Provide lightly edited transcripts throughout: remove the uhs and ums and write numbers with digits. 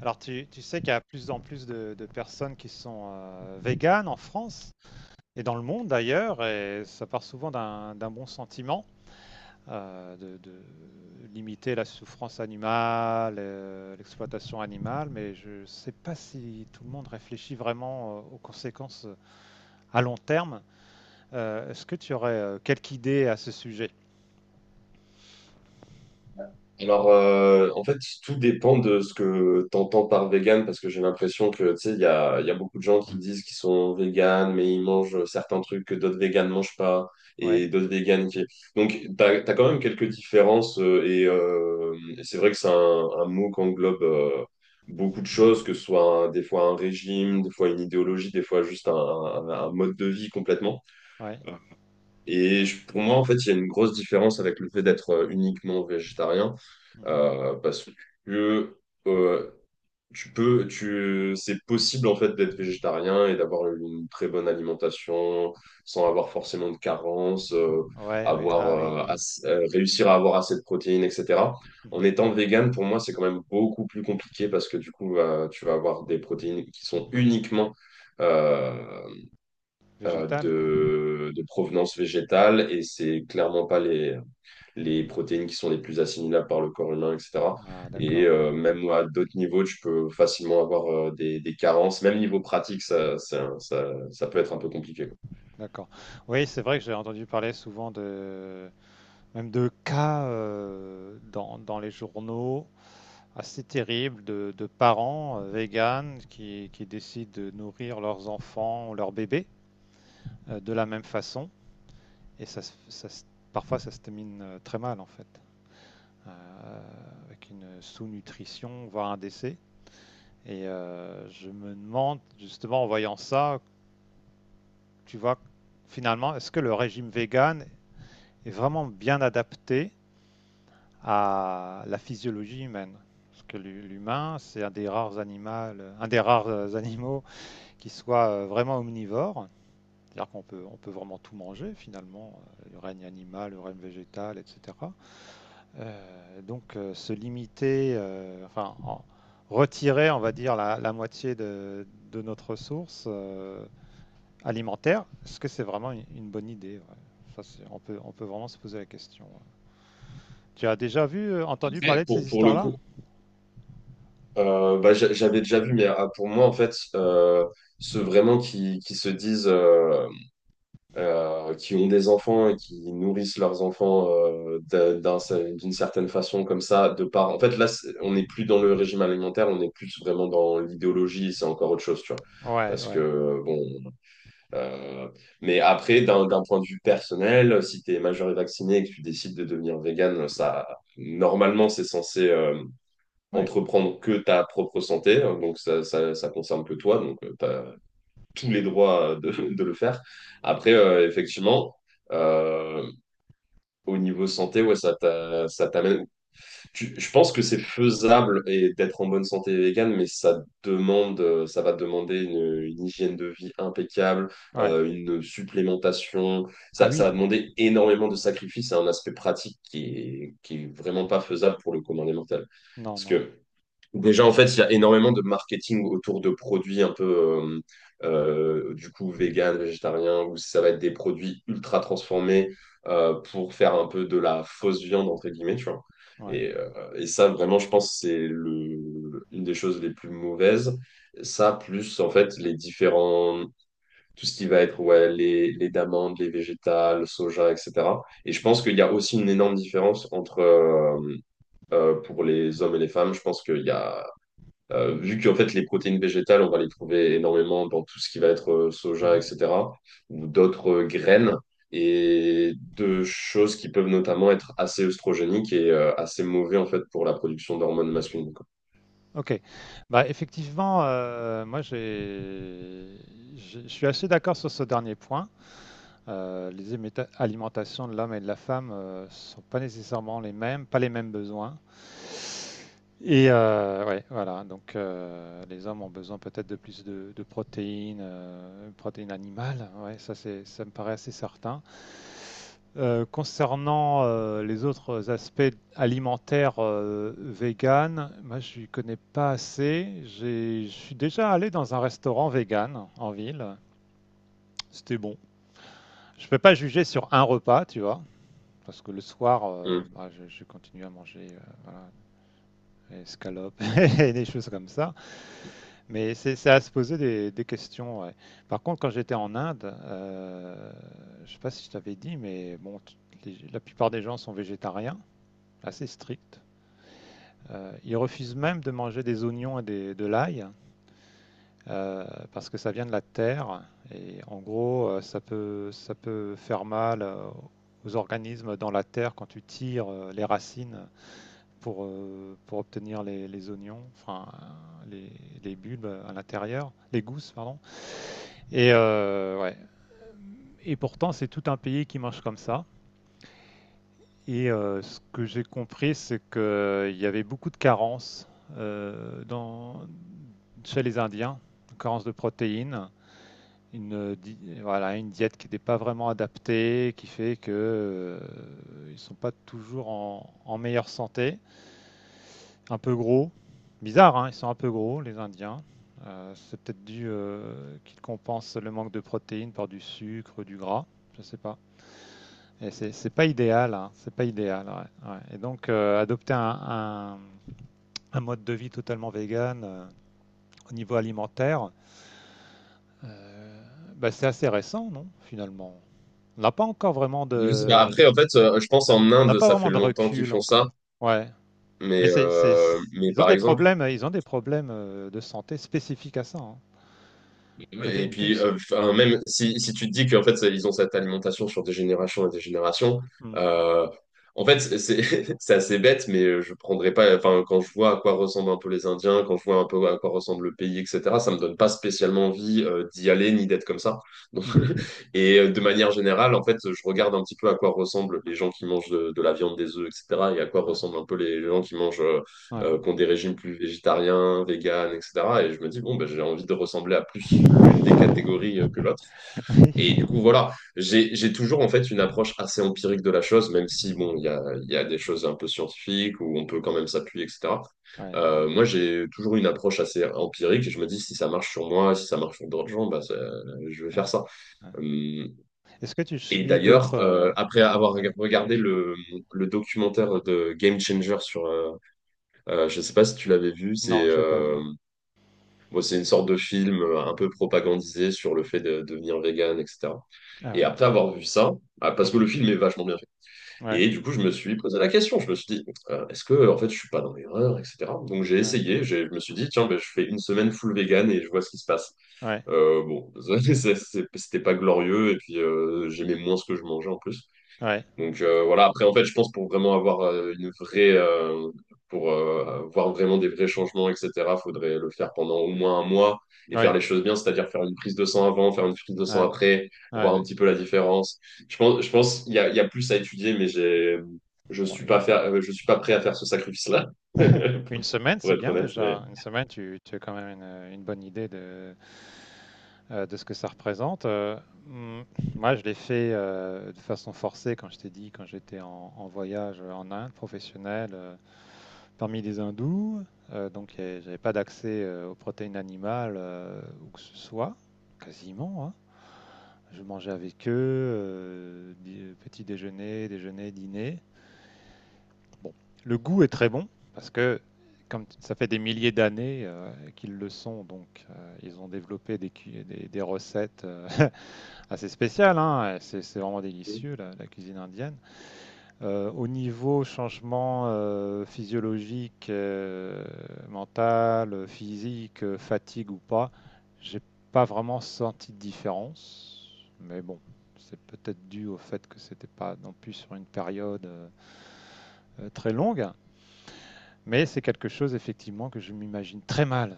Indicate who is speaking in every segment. Speaker 1: Alors, tu sais qu'il y a de plus en plus de personnes qui sont véganes en France et dans le monde d'ailleurs, et ça part souvent d'un bon sentiment de limiter la souffrance animale, l'exploitation animale, mais je ne sais pas si tout le monde réfléchit vraiment aux conséquences à long terme. Est-ce que tu aurais quelques idées à ce sujet?
Speaker 2: En fait, tout dépend de ce que tu entends par vegan, parce que j'ai l'impression que, tu sais, il y a beaucoup de gens qui disent qu'ils sont vegan, mais ils mangent certains trucs que d'autres végans ne mangent pas,
Speaker 1: Ouais,
Speaker 2: et d'autres végans qui... Donc, tu as quand même quelques différences, et c'est vrai que c'est un mot qui englobe beaucoup de choses, que ce soit des fois un régime, des fois une idéologie, des fois juste un mode de vie complètement.
Speaker 1: ouais,
Speaker 2: Et
Speaker 1: ouais.
Speaker 2: pour moi, en fait, il y a une grosse différence avec le fait d'être uniquement végétarien,
Speaker 1: Mhm.
Speaker 2: parce que euh, tu peux, c'est possible en fait d'être végétarien et d'avoir une très bonne alimentation sans avoir forcément de carence,
Speaker 1: Ouais, ouais.
Speaker 2: avoir
Speaker 1: Ah oui, oui.
Speaker 2: réussir à avoir assez de protéines, etc. En
Speaker 1: Mhm.
Speaker 2: étant vegan, pour moi, c'est quand même beaucoup plus compliqué parce que du coup, tu vas avoir des protéines qui sont uniquement euh,
Speaker 1: Végétal, quoi.
Speaker 2: de provenance végétale et c'est clairement pas les, les protéines qui sont les plus assimilables par le corps humain, etc.
Speaker 1: Ah,
Speaker 2: Et
Speaker 1: d'accord, ouais.
Speaker 2: même à d'autres niveaux, tu peux facilement avoir des carences. Même niveau pratique, ça peut être un peu compliqué, quoi.
Speaker 1: D'accord. Oui, c'est vrai que j'ai entendu parler souvent de même de cas dans les journaux assez terribles de parents véganes qui décident de nourrir leurs enfants ou leurs bébés de la même façon. Et parfois, ça se termine très mal, en fait, euh, avec une sous-nutrition, voire un décès. Et je me demande, justement, en voyant ça, tu vois, finalement, est-ce que le régime végane est vraiment bien adapté à la physiologie humaine. Parce que l'humain, c'est un des rares animaux, un des rares animaux qui soit vraiment omnivore. C'est-à-dire qu'on peut vraiment tout manger finalement, le règne animal, le règne végétal, etc. Se limiter, enfin en, retirer, on va dire, la moitié de notre ressource alimentaire, est-ce que c'est vraiment une bonne idée, ouais. Ça, on peut vraiment se poser la question. Ouais. Tu as déjà vu, entendu
Speaker 2: Après,
Speaker 1: parler de ces
Speaker 2: pour le
Speaker 1: histoires-là?
Speaker 2: coup, bah, j'avais déjà vu, mais ah, pour moi, en fait, ceux vraiment qui se disent qui ont des enfants et qui nourrissent leurs enfants d'une certaine façon comme ça, de par... En fait, là, on n'est plus dans le régime alimentaire, on est plus vraiment dans l'idéologie, c'est encore autre chose, tu vois.
Speaker 1: Ouais,
Speaker 2: Parce
Speaker 1: ouais.
Speaker 2: que, bon, euh, mais après, d'un point de vue personnel, si tu es majeur et vacciné et que tu décides de devenir vegan, ça normalement, c'est censé
Speaker 1: Oui.
Speaker 2: entreprendre que ta propre santé, donc ça concerne que toi, donc t'as tous les droits de de le faire. Après, effectivement, euh, au niveau santé, ouais, ça t'amène. Je pense que c'est faisable et d'être en bonne santé végane, mais ça demande, ça va demander une hygiène de vie impeccable,
Speaker 1: Ouais.
Speaker 2: une supplémentation.
Speaker 1: Ah
Speaker 2: Ça va
Speaker 1: oui.
Speaker 2: demander énormément de sacrifices. C'est un aspect pratique qui est vraiment pas faisable pour le commun des mortels.
Speaker 1: Non,
Speaker 2: Parce
Speaker 1: non.
Speaker 2: que déjà, en fait, il y a énormément de marketing autour de produits un peu, euh, du coup, vegan, végétarien, où ça va être des produits ultra transformés pour faire un peu de la fausse viande, entre guillemets, tu vois.
Speaker 1: Ouais.
Speaker 2: Et ça, vraiment, je pense que c'est le, une des choses les plus mauvaises. Ça, plus, en fait, les différents, tout ce qui va être, ouais, les d'amandes, les végétales, soja, etc. Et je pense
Speaker 1: Mhm,
Speaker 2: qu'il y a aussi une énorme différence entre, pour les hommes et les femmes, je pense qu'il y a vu qu'en fait, les protéines végétales, on va les trouver énormément dans tout ce qui va être soja,
Speaker 1: mhm.
Speaker 2: etc., ou d'autres graines, et de choses qui peuvent notamment être assez œstrogéniques et assez mauvais en fait pour la production d'hormones masculines, quoi.
Speaker 1: Ok. Bah effectivement, je suis assez d'accord sur ce dernier point. Les alimentations de l'homme et de la femme ne sont pas nécessairement les mêmes, pas les mêmes besoins. Et ouais, voilà. Donc les hommes ont besoin peut-être de plus de protéines, protéines animales. Ouais, ça me paraît assez certain. Concernant les autres aspects alimentaires vegan, moi je ne connais pas assez. Je suis déjà allé dans un restaurant vegan en ville. C'était bon. Je ne peux pas juger sur un repas, tu vois. Parce que le soir,
Speaker 2: Mm.
Speaker 1: je continue à manger voilà, des escalopes et des choses comme ça. Mais c'est à se poser des questions, ouais. Par contre, quand j'étais en Inde, je ne sais pas si je t'avais dit, mais bon, la plupart des gens sont végétariens, assez stricte. Ils refusent même de manger des oignons et de l'ail euh, parce que ça vient de la terre et en gros ça peut faire mal aux organismes dans la terre quand tu tires les racines pour obtenir les oignons, enfin les bulbes à l'intérieur, les gousses, pardon. Et, ouais, et pourtant c'est tout un pays qui mange comme ça. Et ce que j'ai compris, c'est qu'il y avait beaucoup de carences euh, dans, chez les Indiens, carences de protéines, voilà, une diète qui n'est pas vraiment adaptée, qui fait qu'ils sont pas toujours en, en meilleure santé, un peu gros, bizarre, hein, ils sont un peu gros les Indiens. C'est peut-être dû qu'ils compensent le manque de protéines par du sucre, du gras, je ne sais pas. Et c'est pas idéal, hein, c'est pas idéal, ouais, ouais. Et donc adopter un mode de vie totalement vegan au niveau alimentaire, euh, bah, c'est assez récent, non, finalement. On n'a pas encore vraiment
Speaker 2: Je sais pas.
Speaker 1: de,
Speaker 2: Après, en fait, je pense en
Speaker 1: on n'a
Speaker 2: Inde,
Speaker 1: pas
Speaker 2: ça fait
Speaker 1: vraiment de
Speaker 2: longtemps qu'ils
Speaker 1: recul
Speaker 2: font ça,
Speaker 1: encore. Ouais,
Speaker 2: mais,
Speaker 1: mais
Speaker 2: euh, mais
Speaker 1: ils ont
Speaker 2: par
Speaker 1: des
Speaker 2: exemple,
Speaker 1: problèmes, ils ont des problèmes de santé spécifiques à ça, hein. Peut-être
Speaker 2: et
Speaker 1: une
Speaker 2: puis,
Speaker 1: puce.
Speaker 2: enfin, même si, si tu te dis qu'en fait, ils ont cette alimentation sur des générations et des générations,
Speaker 1: Mm.
Speaker 2: euh, en fait, c'est c'est assez bête, mais je prendrais pas. Enfin, quand je vois à quoi ressemblent un peu les Indiens, quand je vois un peu à quoi ressemble le pays, etc., ça me donne pas spécialement envie d'y aller ni d'être comme ça. Donc,
Speaker 1: Mhm.
Speaker 2: et de manière générale, en fait, je regarde un petit peu à quoi ressemblent les gens qui mangent de la viande, des œufs, etc., et à quoi
Speaker 1: Ouais,
Speaker 2: ressemblent un peu les gens qui mangent
Speaker 1: ouais.
Speaker 2: qui ont des régimes plus végétariens, véganes, etc. Et je me dis, bon, ben, j'ai envie de ressembler à plus l'une des catégories que l'autre. Et du coup,
Speaker 1: Oui.
Speaker 2: voilà, j'ai toujours en fait une approche assez empirique de la chose, même si, bon, il y a des choses un peu scientifiques où on peut quand même s'appuyer, etc.
Speaker 1: Ouais, ouais,
Speaker 2: Moi, j'ai toujours une approche assez empirique et je me dis, si ça marche sur moi, si ça marche sur d'autres gens, bah, je vais
Speaker 1: ouais,
Speaker 2: faire ça.
Speaker 1: ouais.
Speaker 2: Euh,
Speaker 1: Est-ce que tu
Speaker 2: Et
Speaker 1: suis d'autres
Speaker 2: d'ailleurs, après avoir
Speaker 1: ouais.
Speaker 2: regardé le documentaire de Game Changer sur, je ne sais pas si tu l'avais vu, c'est
Speaker 1: Non, je l'ai pas vu.
Speaker 2: bon, c'est une sorte de film un peu propagandisé sur le fait de devenir vegan, etc.
Speaker 1: Ah
Speaker 2: Et
Speaker 1: ouais.
Speaker 2: après avoir vu ça, ah, parce que
Speaker 1: Mhm.
Speaker 2: le film est vachement bien fait,
Speaker 1: Ouais,
Speaker 2: et du coup je me suis posé la question, je me suis dit, est-ce que en fait je suis pas dans l'erreur, etc. Donc j'ai
Speaker 1: ouais,
Speaker 2: essayé, je me suis dit, tiens, ben, je fais une semaine full vegan et je vois ce qui se passe.
Speaker 1: ouais,
Speaker 2: Bon, c'était pas glorieux, et puis j'aimais moins ce que je mangeais en plus.
Speaker 1: ouais,
Speaker 2: Donc voilà, après en fait, je pense pour vraiment avoir pour voir vraiment des vrais changements, etc., faudrait le faire pendant au moins un mois et faire
Speaker 1: ouais,
Speaker 2: les choses bien, c'est-à-dire faire une prise de sang avant, faire une prise de
Speaker 1: ouais,
Speaker 2: sang
Speaker 1: ouais,
Speaker 2: après,
Speaker 1: ouais,
Speaker 2: voir un
Speaker 1: ouais.
Speaker 2: petit peu la différence. Je pense, il y a plus à étudier, mais je
Speaker 1: Bon,
Speaker 2: suis pas faire, je suis pas prêt à faire ce sacrifice-là,
Speaker 1: une semaine,
Speaker 2: pour
Speaker 1: c'est
Speaker 2: être
Speaker 1: bien
Speaker 2: honnête, mais.
Speaker 1: déjà. Une semaine, tu as quand même une bonne idée de ce que ça représente. Hmm, Moi, je l'ai fait de façon forcée, quand je t'ai dit, quand j'étais en, en voyage en Inde professionnel, parmi les hindous. J'avais pas d'accès aux protéines animales où que ce soit, quasiment, hein. Je mangeais avec eux, petit déjeuner, déjeuner, dîner. Bon, le goût est très bon parce que comme ça fait des milliers d'années qu'ils le sont, donc ils ont développé des recettes assez spéciales, hein. C'est vraiment délicieux la, la cuisine indienne. Au niveau changement physiologique, mental, physique, fatigue ou pas, j'ai pas vraiment senti de différence. Mais bon, c'est peut-être dû au fait que c'était pas non plus sur une période très longue. Mais c'est quelque chose effectivement que je m'imagine très mal,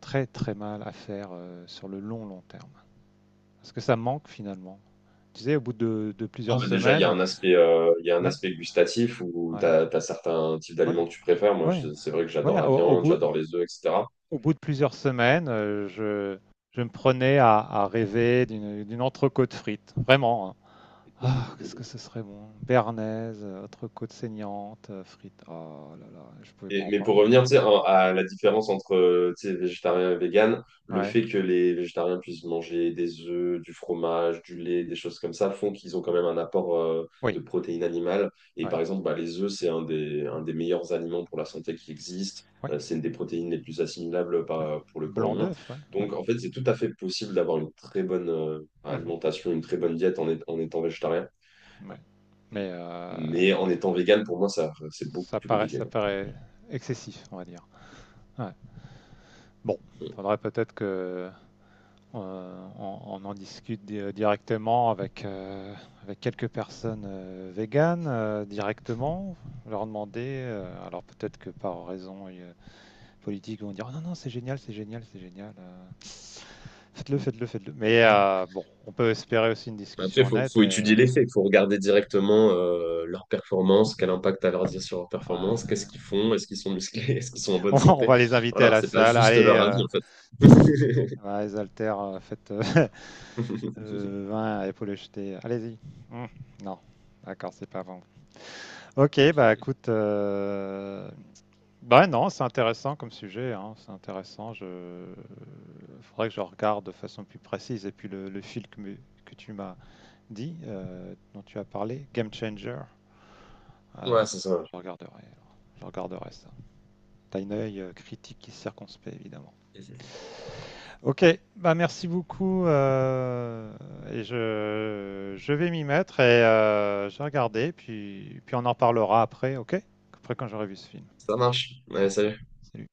Speaker 1: très très mal à faire sur le long long terme. Parce que ça manque finalement. Tu sais, au bout de
Speaker 2: Ah,
Speaker 1: plusieurs
Speaker 2: bah déjà,
Speaker 1: semaines,
Speaker 2: il y a un
Speaker 1: ouais,
Speaker 2: aspect gustatif où
Speaker 1: ouais,
Speaker 2: tu as certains types
Speaker 1: ouais,
Speaker 2: d'aliments que tu préfères. Moi,
Speaker 1: ouais,
Speaker 2: c'est vrai que j'adore
Speaker 1: ouais,
Speaker 2: la viande, j'adore les œufs, etc.
Speaker 1: au bout de plusieurs semaines, je me prenais à rêver d'une entrecôte frite. Vraiment, hein. Ah, qu'est-ce que ce serait bon. Béarnaise, entrecôte saignante, frite. Oh là là, je pouvais pas
Speaker 2: Et
Speaker 1: en
Speaker 2: mais pour
Speaker 1: parler, non.
Speaker 2: revenir, tu sais, à la différence entre, tu sais, végétarien et vegan, le
Speaker 1: Ouais.
Speaker 2: fait que les végétariens puissent manger des œufs, du fromage, du lait, des choses comme ça, font qu'ils ont quand même un apport,
Speaker 1: Oui,
Speaker 2: de protéines animales. Et
Speaker 1: ouais,
Speaker 2: par exemple, bah, les œufs, c'est un des meilleurs aliments pour la santé qui existe.
Speaker 1: ouais,
Speaker 2: C'est une des protéines les plus assimilables
Speaker 1: ouais.
Speaker 2: pour le corps
Speaker 1: Blanc
Speaker 2: humain.
Speaker 1: d'œuf, ouais, ouais.
Speaker 2: Donc, en fait, c'est tout à fait possible d'avoir une très bonne,
Speaker 1: Mhm.
Speaker 2: alimentation, une très bonne diète en, en étant végétarien.
Speaker 1: Ouais. Mais
Speaker 2: Mais en étant vegan, pour moi, ça, c'est beaucoup plus compliqué,
Speaker 1: ça paraît excessif, on va dire. Ouais. Bon, faudrait peut-être que on en discute directement avec, avec quelques personnes véganes directement, leur demander. Alors peut-être que par raison politique, ils vont dire : « Oh non non, c'est génial, c'est génial, c'est génial, faites-le, faites-le, faites-le. » Mais
Speaker 2: quoi.
Speaker 1: bon, on peut espérer aussi une
Speaker 2: Bah, après,
Speaker 1: discussion honnête,
Speaker 2: faut
Speaker 1: et,
Speaker 2: étudier les faits, il faut regarder directement leur performance, quel impact a leur dire sur leur performance, qu'est-ce qu'ils
Speaker 1: ouais.
Speaker 2: font, est-ce qu'ils sont musclés, est-ce qu'ils sont en bonne
Speaker 1: On
Speaker 2: santé.
Speaker 1: va les inviter à
Speaker 2: Voilà,
Speaker 1: la
Speaker 2: c'est pas
Speaker 1: salle.
Speaker 2: juste
Speaker 1: Allez,
Speaker 2: leur avis en fait.
Speaker 1: ouais, les haltères, faites 20 à épaules jetées. Allez-y. Hmm, non, d'accord, c'est pas bon. Ok, bah écoute, bah non, c'est intéressant comme sujet, hein, c'est intéressant. Je Faudrait que je regarde de façon plus précise. Et puis le fil que tu m'as dit, dont tu as parlé, Game Changer, euh,
Speaker 2: Ouais, c'est ça.
Speaker 1: je regarderai, alors. Je regarderai ça. T'as une œil critique et circonspect, évidemment. Ok, bah merci beaucoup. Je vais m'y mettre et je vais regarder, puis, puis on en reparlera après, ok? Après quand j'aurai vu ce film.
Speaker 2: Ça marche. Allez,
Speaker 1: Merci.
Speaker 2: salut.
Speaker 1: Salut.